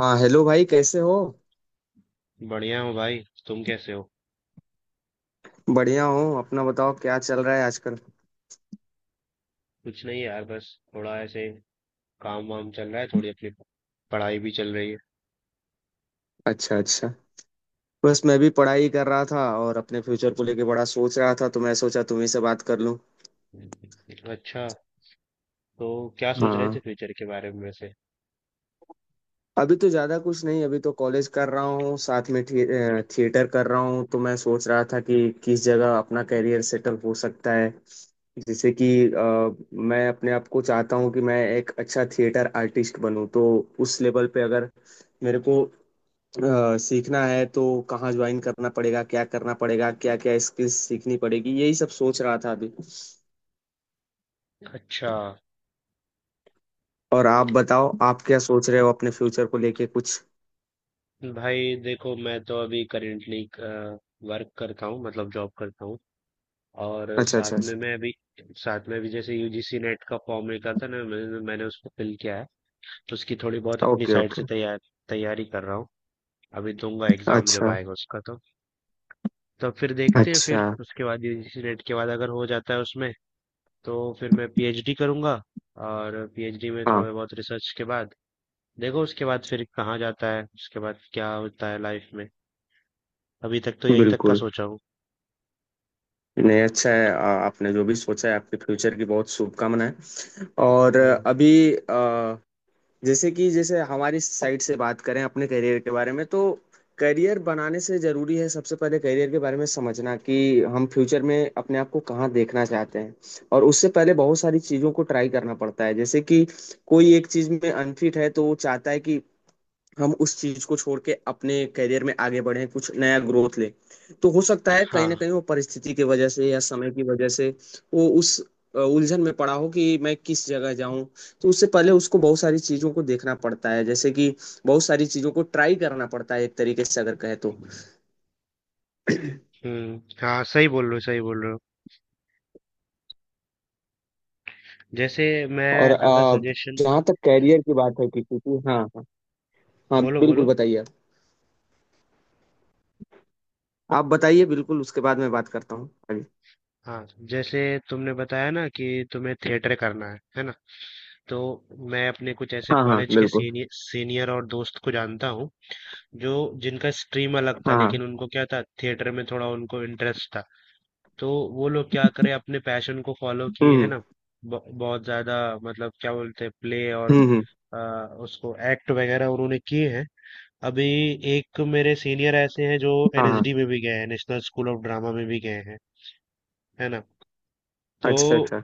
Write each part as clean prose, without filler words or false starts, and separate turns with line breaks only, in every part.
हाँ, हेलो भाई, कैसे हो?
बढ़िया हूँ भाई। तुम कैसे हो?
बढ़िया हो, अपना बताओ, क्या चल रहा है आजकल?
कुछ नहीं यार, बस थोड़ा ऐसे काम वाम चल रहा है, थोड़ी अपनी पढ़ाई भी चल रही है।
अच्छा अच्छा। बस मैं भी पढ़ाई कर रहा था और अपने फ्यूचर को लेके बड़ा सोच रहा था, तो मैं सोचा तुम्ही से बात कर लूं।
अच्छा। तो क्या सोच रहे
हाँ।
थे फ्यूचर के बारे में वैसे?
अभी तो ज़्यादा कुछ नहीं, अभी तो कॉलेज कर रहा हूँ, साथ में थिएटर कर रहा हूँ, तो मैं सोच रहा था कि किस जगह अपना कैरियर सेटल हो सकता है। जैसे कि मैं अपने आप को चाहता हूँ कि मैं एक अच्छा थिएटर आर्टिस्ट बनूं, तो उस लेवल पे अगर मेरे को सीखना है, तो कहाँ ज्वाइन करना पड़ेगा, क्या करना पड़ेगा, क्या क्या स्किल्स सीखनी पड़ेगी, यही सब सोच रहा था अभी।
अच्छा।
और आप बताओ, आप क्या सोच रहे हो अपने फ्यूचर को लेके कुछ?
भाई देखो, मैं तो अभी करेंटली वर्क करता हूँ, मतलब जॉब करता हूँ। और
अच्छा
साथ
अच्छा
में
अच्छा।
मैं अभी साथ में अभी जैसे यूजीसी नेट का फॉर्म निकला था ना, मैंने मैंने उसको फिल किया है। तो उसकी थोड़ी बहुत अपनी
ओके
साइड से
ओके।
तैयारी कर रहा हूँ। अभी दूंगा एग्जाम जब
अच्छा।
आएगा उसका, तो तब फिर देखते हैं।
अच्छा।
फिर उसके बाद यूजीसी नेट के बाद अगर हो जाता है उसमें, तो फिर मैं पीएचडी करूंगा। और पीएचडी में
हाँ।
थोड़ा बहुत रिसर्च के बाद देखो उसके बाद फिर कहाँ जाता है, उसके बाद क्या होता है लाइफ में। अभी तक तो यही तक का
बिल्कुल।
सोचा हूँ।
नहीं, अच्छा है, आपने जो भी सोचा है, आपके फ्यूचर की बहुत शुभकामनाएं। और
हम्म,
अभी, जैसे कि जैसे हमारी साइड से बात करें अपने करियर के बारे में, तो करियर बनाने से जरूरी है सबसे पहले करियर के बारे में समझना कि हम फ्यूचर में अपने आप को कहाँ देखना चाहते हैं। और उससे पहले बहुत सारी चीज़ों को ट्राई करना पड़ता है, जैसे कि कोई एक चीज़ में अनफिट है, तो वो चाहता है कि हम उस चीज को छोड़ के अपने करियर में आगे बढ़े, कुछ नया ग्रोथ ले। तो हो सकता है कहीं ना
हाँ।
कहीं वो परिस्थिति की वजह से या समय की वजह से वो उस उलझन में पड़ा हो कि मैं किस जगह जाऊं। तो उससे पहले उसको बहुत सारी चीजों को देखना पड़ता है, जैसे कि बहुत सारी चीजों को ट्राई करना पड़ता है, एक तरीके से अगर कहे तो।
हम्म, हाँ, सही बोल रहे हो, सही बोल रहे हो। जैसे मैं,
और
अगर सजेशन,
जहाँ तक कैरियर की बात है किसी की, हाँ हाँ। हाँ
बोलो
बिल्कुल,
बोलो।
बताइए आप। आप बताइए बिल्कुल, उसके बाद मैं बात करता हूँ आगे।
हाँ जैसे तुमने बताया ना कि तुम्हें थिएटर करना है ना? तो मैं अपने कुछ ऐसे
हाँ हाँ
कॉलेज के
बिल्कुल।
सीनियर सीनियर और दोस्त को जानता हूँ, जो जिनका स्ट्रीम अलग था
हाँ हाँ।
लेकिन उनको क्या था, थिएटर में थोड़ा उनको इंटरेस्ट था। तो वो लोग क्या करे, अपने पैशन को फॉलो किए, है
हम्म।
ना? बहुत ज्यादा, मतलब क्या बोलते हैं, प्ले और
हम्म।
अ, उसको एक्ट वगैरह उन्होंने किए हैं। अभी एक मेरे सीनियर ऐसे हैं जो
हाँ हाँ।
एनएसडी में भी गए हैं, नेशनल स्कूल ऑफ ड्रामा में भी गए हैं, है ना? तो
अच्छा अच्छा।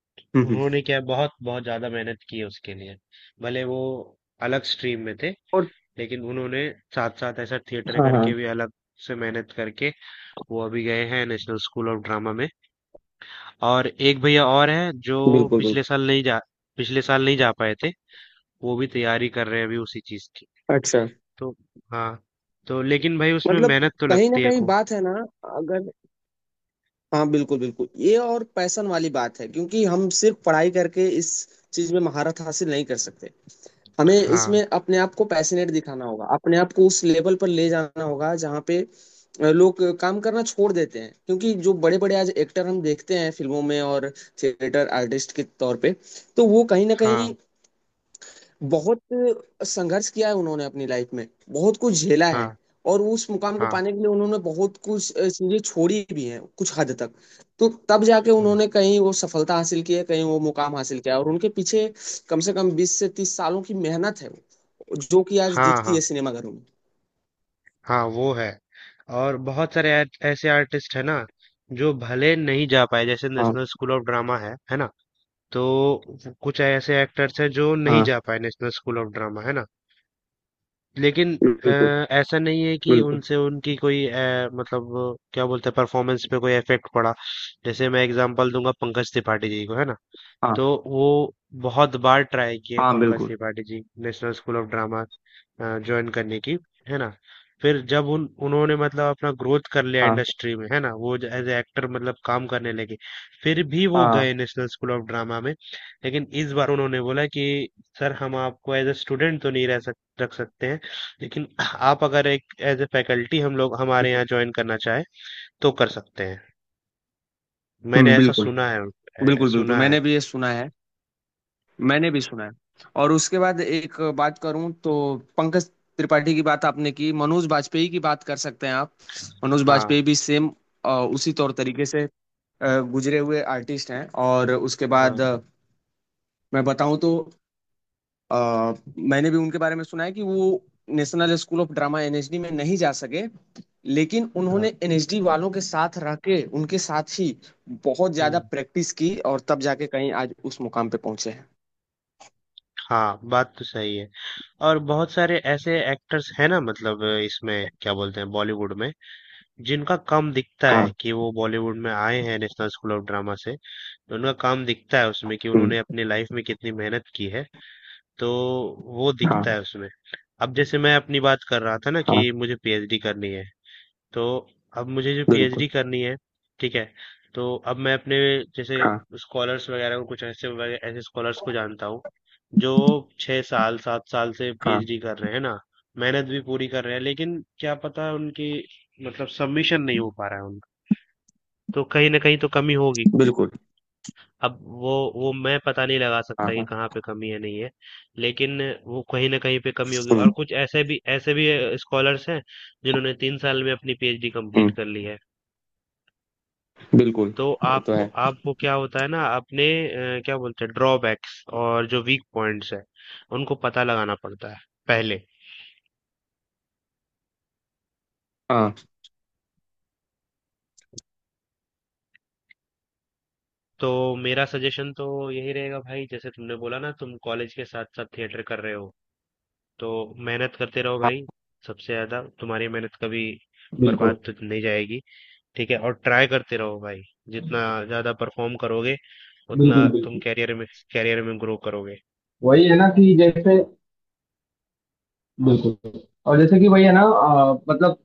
हम्म हम्म।
उन्होंने क्या, बहुत बहुत ज्यादा मेहनत की है उसके लिए। भले वो अलग स्ट्रीम में थे
और।
लेकिन उन्होंने साथ साथ ऐसा थिएटर
हाँ हाँ।
करके भी अलग से मेहनत करके वो अभी गए हैं नेशनल स्कूल ऑफ ड्रामा में। और एक भैया और हैं जो
बिल्कुल बिल्कुल।
पिछले साल नहीं जा पिछले साल नहीं जा पाए थे। वो भी तैयारी कर रहे हैं अभी उसी चीज की।
अच्छा,
तो हाँ। तो लेकिन भाई उसमें
मतलब
मेहनत तो
कहीं ना
लगती है
कहीं
खूब।
बात है ना, अगर। हाँ बिल्कुल बिल्कुल, ये और पैशन वाली बात है, क्योंकि हम सिर्फ पढ़ाई करके इस चीज में महारत हासिल नहीं कर सकते। हमें
हाँ,
इसमें अपने आप को पैशनेट दिखाना होगा, अपने आप को उस लेवल पर ले जाना होगा जहाँ पे लोग काम करना छोड़ देते हैं। क्योंकि जो बड़े बड़े आज एक्टर हम देखते हैं फिल्मों में और थिएटर आर्टिस्ट के तौर पे, तो वो कहीं ना
हाँ,
कहीं बहुत संघर्ष किया है, उन्होंने अपनी लाइफ में बहुत कुछ झेला है।
हाँ,
और उस मुकाम को
हाँ,
पाने के लिए उन्होंने बहुत कुछ चीजें छोड़ी भी हैं कुछ हद तक। तो तब जाके
हाँ,
उन्होंने कहीं वो सफलता हासिल की है, कहीं वो मुकाम हासिल किया है। और उनके पीछे कम से कम बीस से तीस सालों की मेहनत है, वो जो कि आज
हाँ,
दिखती
हाँ,
है सिनेमाघरों में।
हाँ। वो है। और बहुत सारे ऐसे आर्टिस्ट है ना, जो भले नहीं जा पाए, जैसे
हाँ
नेशनल स्कूल ऑफ ड्रामा, है ना? तो कुछ ऐसे एक्टर्स हैं जो नहीं
हाँ।
जा पाए नेशनल स्कूल ऑफ ड्रामा, है ना? लेकिन अ,
बिल्कुल
ऐसा नहीं है कि
बिल्कुल।
उनसे उनकी कोई, मतलब क्या बोलते हैं, परफॉर्मेंस पे कोई इफेक्ट पड़ा। जैसे मैं एग्जांपल दूंगा पंकज त्रिपाठी जी को, है ना?
हाँ
तो वो बहुत बार ट्राई किए
हाँ।
पंकज
बिल्कुल।
Tripathi ji national school of drama join करने की, है ना? फिर जब उन उन्होंने मतलब अपना ग्रोथ कर लिया
हाँ
इंडस्ट्री में, है ना, वो एज एक्टर मतलब काम करने लगे। फिर भी वो
हाँ।
गए नेशनल स्कूल ऑफ ड्रामा में। लेकिन इस बार उन्होंने बोला कि सर हम आपको एज ए स्टूडेंट तो नहीं रह सक रख सकते हैं, लेकिन आप अगर एक एज ए फैकल्टी हम लोग हमारे यहाँ ज्वाइन करना चाहे तो कर सकते हैं। मैंने ऐसा
बिल्कुल।
सुना है,
बिल्कुल बिल्कुल,
सुना है।
मैंने भी ये सुना है। मैंने भी सुना है। और उसके बाद एक बात करूं तो, पंकज त्रिपाठी की बात आपने की, मनोज बाजपेयी की बात कर सकते हैं आप। मनोज
हाँ,
बाजपेयी भी सेम उसी तौर तरीके से गुजरे हुए आर्टिस्ट हैं। और उसके बाद
हाँ,
मैं बताऊं तो, अ, मैंने भी उनके बारे में सुना है कि वो national school of drama, NSD में नहीं जा सके। लेकिन उन्होंने
हाँ,
एनएसडी वालों के साथ रह के, उनके साथ ही बहुत ज्यादा
हम्म।
प्रैक्टिस की, और तब जाके कहीं आज उस मुकाम पे पहुंचे हैं।
हाँ, बात तो सही है। और बहुत सारे ऐसे एक्टर्स हैं ना, मतलब इसमें क्या बोलते हैं, बॉलीवुड में, जिनका काम दिखता है
हाँ।
कि वो बॉलीवुड में आए हैं नेशनल स्कूल ऑफ ड्रामा से। तो उनका काम दिखता है उसमें कि उन्होंने
हम्म,
अपनी लाइफ में कितनी मेहनत की है। तो वो दिखता
हाँ।
है उसमें। अब जैसे मैं अपनी बात कर रहा था ना कि
हाँ
मुझे पीएचडी करनी है, तो अब मुझे जो पीएचडी
बिल्कुल,
करनी है ठीक है, तो अब मैं अपने जैसे
हाँ,
स्कॉलर्स वगैरह को, कुछ ऐसे ऐसे स्कॉलर्स को जानता हूँ जो 6 साल 7 साल से
हाँ,
पीएचडी कर रहे हैं ना। मेहनत भी पूरी कर रहे हैं लेकिन क्या पता उनकी, मतलब सबमिशन नहीं हो पा रहा है उनका। तो कहीं ना कहीं तो कमी होगी।
बिल्कुल,
अब वो वो मैं पता नहीं लगा सकता
हाँ,
कि
हाँ।
कहाँ पे कमी है, नहीं है, लेकिन वो कहीं ना कहीं पे कमी होगी।
हुँ,
और कुछ ऐसे भी स्कॉलर्स हैं जिन्होंने 3 साल में अपनी पीएचडी कंप्लीट
हुँ,
कर ली है।
बिल्कुल,
तो
वो तो
आपको
है।
आपको क्या होता है ना, अपने क्या बोलते हैं ड्रॉबैक्स और जो वीक पॉइंट्स है, उनको पता लगाना पड़ता है पहले।
हाँ,
तो मेरा सजेशन तो यही रहेगा भाई, जैसे तुमने बोला ना तुम कॉलेज के साथ साथ थिएटर कर रहे हो, तो मेहनत करते रहो भाई।
हाँ।
सबसे ज्यादा तुम्हारी मेहनत कभी
बिल्कुल,
बर्बाद तो नहीं जाएगी, ठीक है? और ट्राई करते रहो भाई। जितना ज्यादा परफॉर्म करोगे उतना
बिल्कुल,
तुम
बिल्कुल।
कैरियर में ग्रो करोगे।
वही है ना कि जैसे। बिल्कुल। और जैसे कि वही है ना, मतलब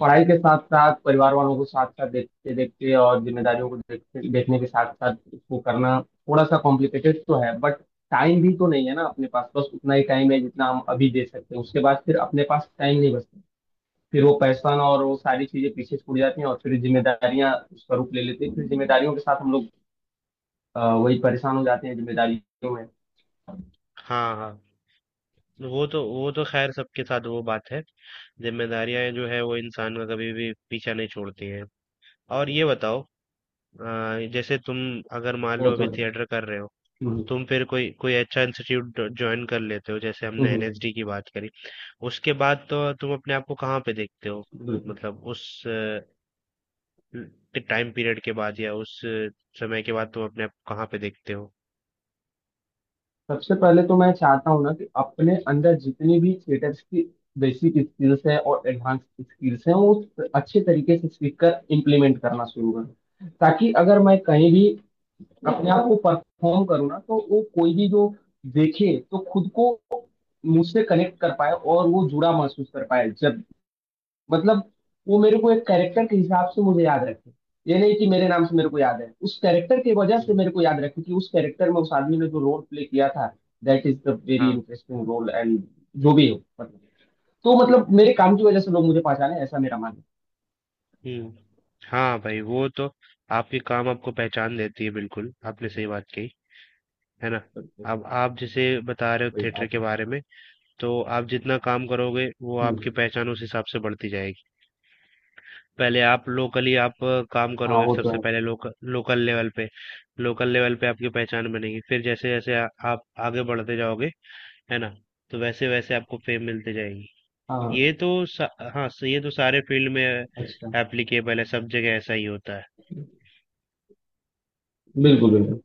पढ़ाई के साथ-साथ, परिवार वालों को साथ-साथ देखते-देखते, और ज़िम्मेदारियों को देखते देखने के साथ-साथ उसको करना थोड़ा-सा कॉम्प्लिकेटेड तो है, बट टाइम भी तो नहीं है ना अपने पास। बस उतना ही टाइम है जितना हम अभी दे सकते हैं, उसके बाद फिर अपने पास टाइम नहीं बचता। फिर वो पैसा ना, और वो सारी चीजें पीछे छूट जाती हैं, और फिर जिम्मेदारियां उसका रूप ले लेती हैं। फिर जिम्मेदारियों के साथ हम लोग वही परेशान हो जाते हैं जिम्मेदारियों में।
हाँ, हाँ। वो तो खैर सबके साथ वो बात है। जिम्मेदारियां जो है वो इंसान का कभी भी पीछा नहीं छोड़ती हैं। और ये बताओ, जैसे तुम, अगर मान
वो
लो
तो
अभी
है।
थिएटर कर रहे हो,
हम्म
तुम फिर कोई कोई अच्छा इंस्टीट्यूट ज्वाइन कर लेते हो, जैसे
हम्म।
हमने एनएसडी की बात करी, उसके बाद तो तुम अपने आप को कहाँ पे देखते हो?
बिल्कुल।
मतलब उस टाइम पीरियड के बाद, या उस समय के बाद तुम अपने आप को कहाँ पे देखते हो?
सबसे पहले तो मैं चाहता हूँ ना कि अपने अंदर जितनी भी थिएटर की बेसिक स्किल्स है और एडवांस स्किल्स हैं, वो अच्छे तरीके से सीख कर इम्प्लीमेंट करना शुरू करूँ, ताकि अगर मैं कहीं भी अपने आप को परफॉर्म करो ना, तो वो कोई भी जो देखे, तो खुद को मुझसे कनेक्ट कर पाए और वो जुड़ा महसूस कर पाए जब, मतलब वो मेरे को एक कैरेक्टर के हिसाब से मुझे याद रखे। ये नहीं कि मेरे नाम से मेरे को याद है, उस कैरेक्टर की वजह से
हम्म,
मेरे को याद रखे कि उस कैरेक्टर में उस आदमी ने जो रोल प्ले किया था, दैट इज द वेरी
हाँ,
इंटरेस्टिंग रोल एंड जो भी हो, मतलब, तो मतलब मेरे काम की वजह से लोग मुझे पहचाने, ऐसा मेरा मानना
हुँ। हाँ भाई, वो तो आपके काम आपको पहचान देती है, बिल्कुल। आपने सही बात कही, है ना?
है। तो
अब आप जैसे बता रहे हो
वही
थिएटर
बात
के
है।
बारे में, तो आप जितना काम करोगे वो आपकी
हम्म।
पहचान उस हिसाब से बढ़ती जाएगी। पहले आप लोकली आप काम
हाँ,
करोगे,
वो तो
सबसे
है।
पहले लोकल लोकल लेवल पे आपकी पहचान बनेगी। फिर जैसे-जैसे आप आगे बढ़ते जाओगे, है ना? तो वैसे-वैसे आपको फेम मिलती जाएगी।
हाँ।
ये तो सा, हाँ, ये तो सारे फील्ड में
अच्छा।
एप्लीकेबल है, सब जगह ऐसा ही होता है।
बिल्कुल बिल्कुल।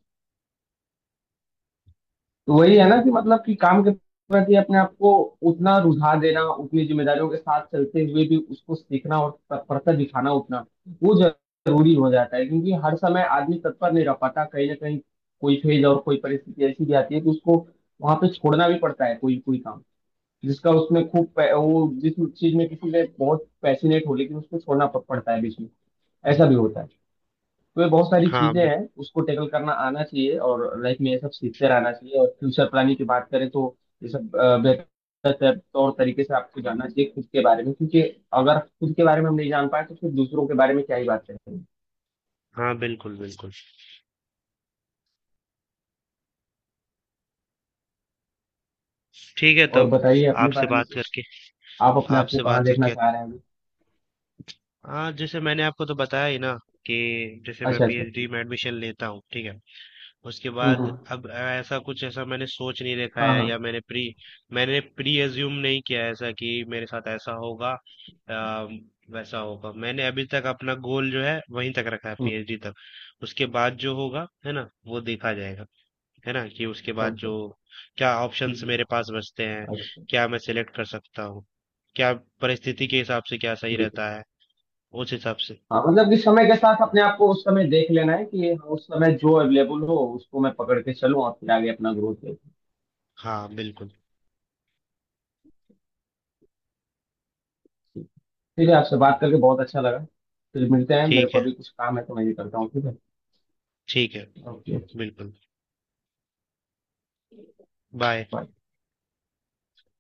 तो वही है ना कि मतलब कि काम के प्रति अपने आप को उतना रुझा देना, उतनी जिम्मेदारियों के साथ चलते हुए भी उसको सीखना और तत्परता दिखाना उतना, वो जरूरी हो जाता है। क्योंकि हर समय आदमी तत्पर नहीं रह पाता, कहीं ना कहीं कोई फेज और कोई परिस्थिति ऐसी भी आती है कि उसको वहां पे छोड़ना भी पड़ता है, कोई कोई काम जिसका उसमें खूब वो जिस चीज में किसी ने बहुत पैशनेट हो, लेकिन उसको छोड़ना पड़ता है बीच में। ऐसा भी होता है। तो ये बहुत सारी
हाँ,
चीजें हैं, उसको टैकल करना आना चाहिए, और लाइफ में ये सब सीखते रहना चाहिए। और फ्यूचर प्लानिंग की बात करें, तो ये सब बेहतर तौर तरीके से आपको जानना चाहिए खुद के बारे में। क्योंकि अगर खुद के बारे में हम नहीं जान पाए, तो फिर दूसरों के बारे में क्या ही बात करेंगे।
हाँ, बिल्कुल, बिल्कुल। ठीक है,
और
तब
बताइए अपने
आपसे
बारे में
बात
कुछ,
करके
आप अपने आप को
आपसे
कहाँ
बात
देखना
करके
चाह रहे हैं अभी?
हाँ जैसे मैंने आपको तो बताया ही ना कि जैसे मैं
अच्छा अच्छा,
पीएचडी
ठीक
में एडमिशन लेता हूँ, ठीक है, उसके
है।
बाद
हम्म।
अब ऐसा कुछ ऐसा मैंने सोच नहीं रखा
हाँ
है,
हाँ।
या मैंने प्री एज्यूम नहीं किया है, ऐसा कि मेरे साथ ऐसा होगा या वैसा होगा। मैंने अभी तक अपना गोल जो है वहीं तक रखा है,
हम्म।
पीएचडी तक। उसके बाद जो होगा है ना वो देखा जाएगा, है ना, कि उसके बाद जो
ओके।
क्या ऑप्शंस
हम्म।
मेरे पास बचते हैं,
अच्छा।
क्या मैं सिलेक्ट कर सकता हूँ, क्या परिस्थिति के हिसाब से क्या सही
बिल्कुल।
रहता है, उस हिसाब से।
हाँ, मतलब कि समय के साथ अपने आप को उस समय देख लेना है कि हाँ, उस समय जो अवेलेबल हो उसको मैं पकड़ के चलूँ और फिर आगे अपना ग्रोथ।
हाँ बिल्कुल।
ठीक है। ठीक है, आपसे बात करके बहुत अच्छा लगा। फिर मिलते हैं, मेरे
ठीक
को
है,
अभी कुछ काम है तो मैं ये करता हूँ। ठीक है।
ठीक है।
ओके।
बिल्कुल। बाय।
बाय।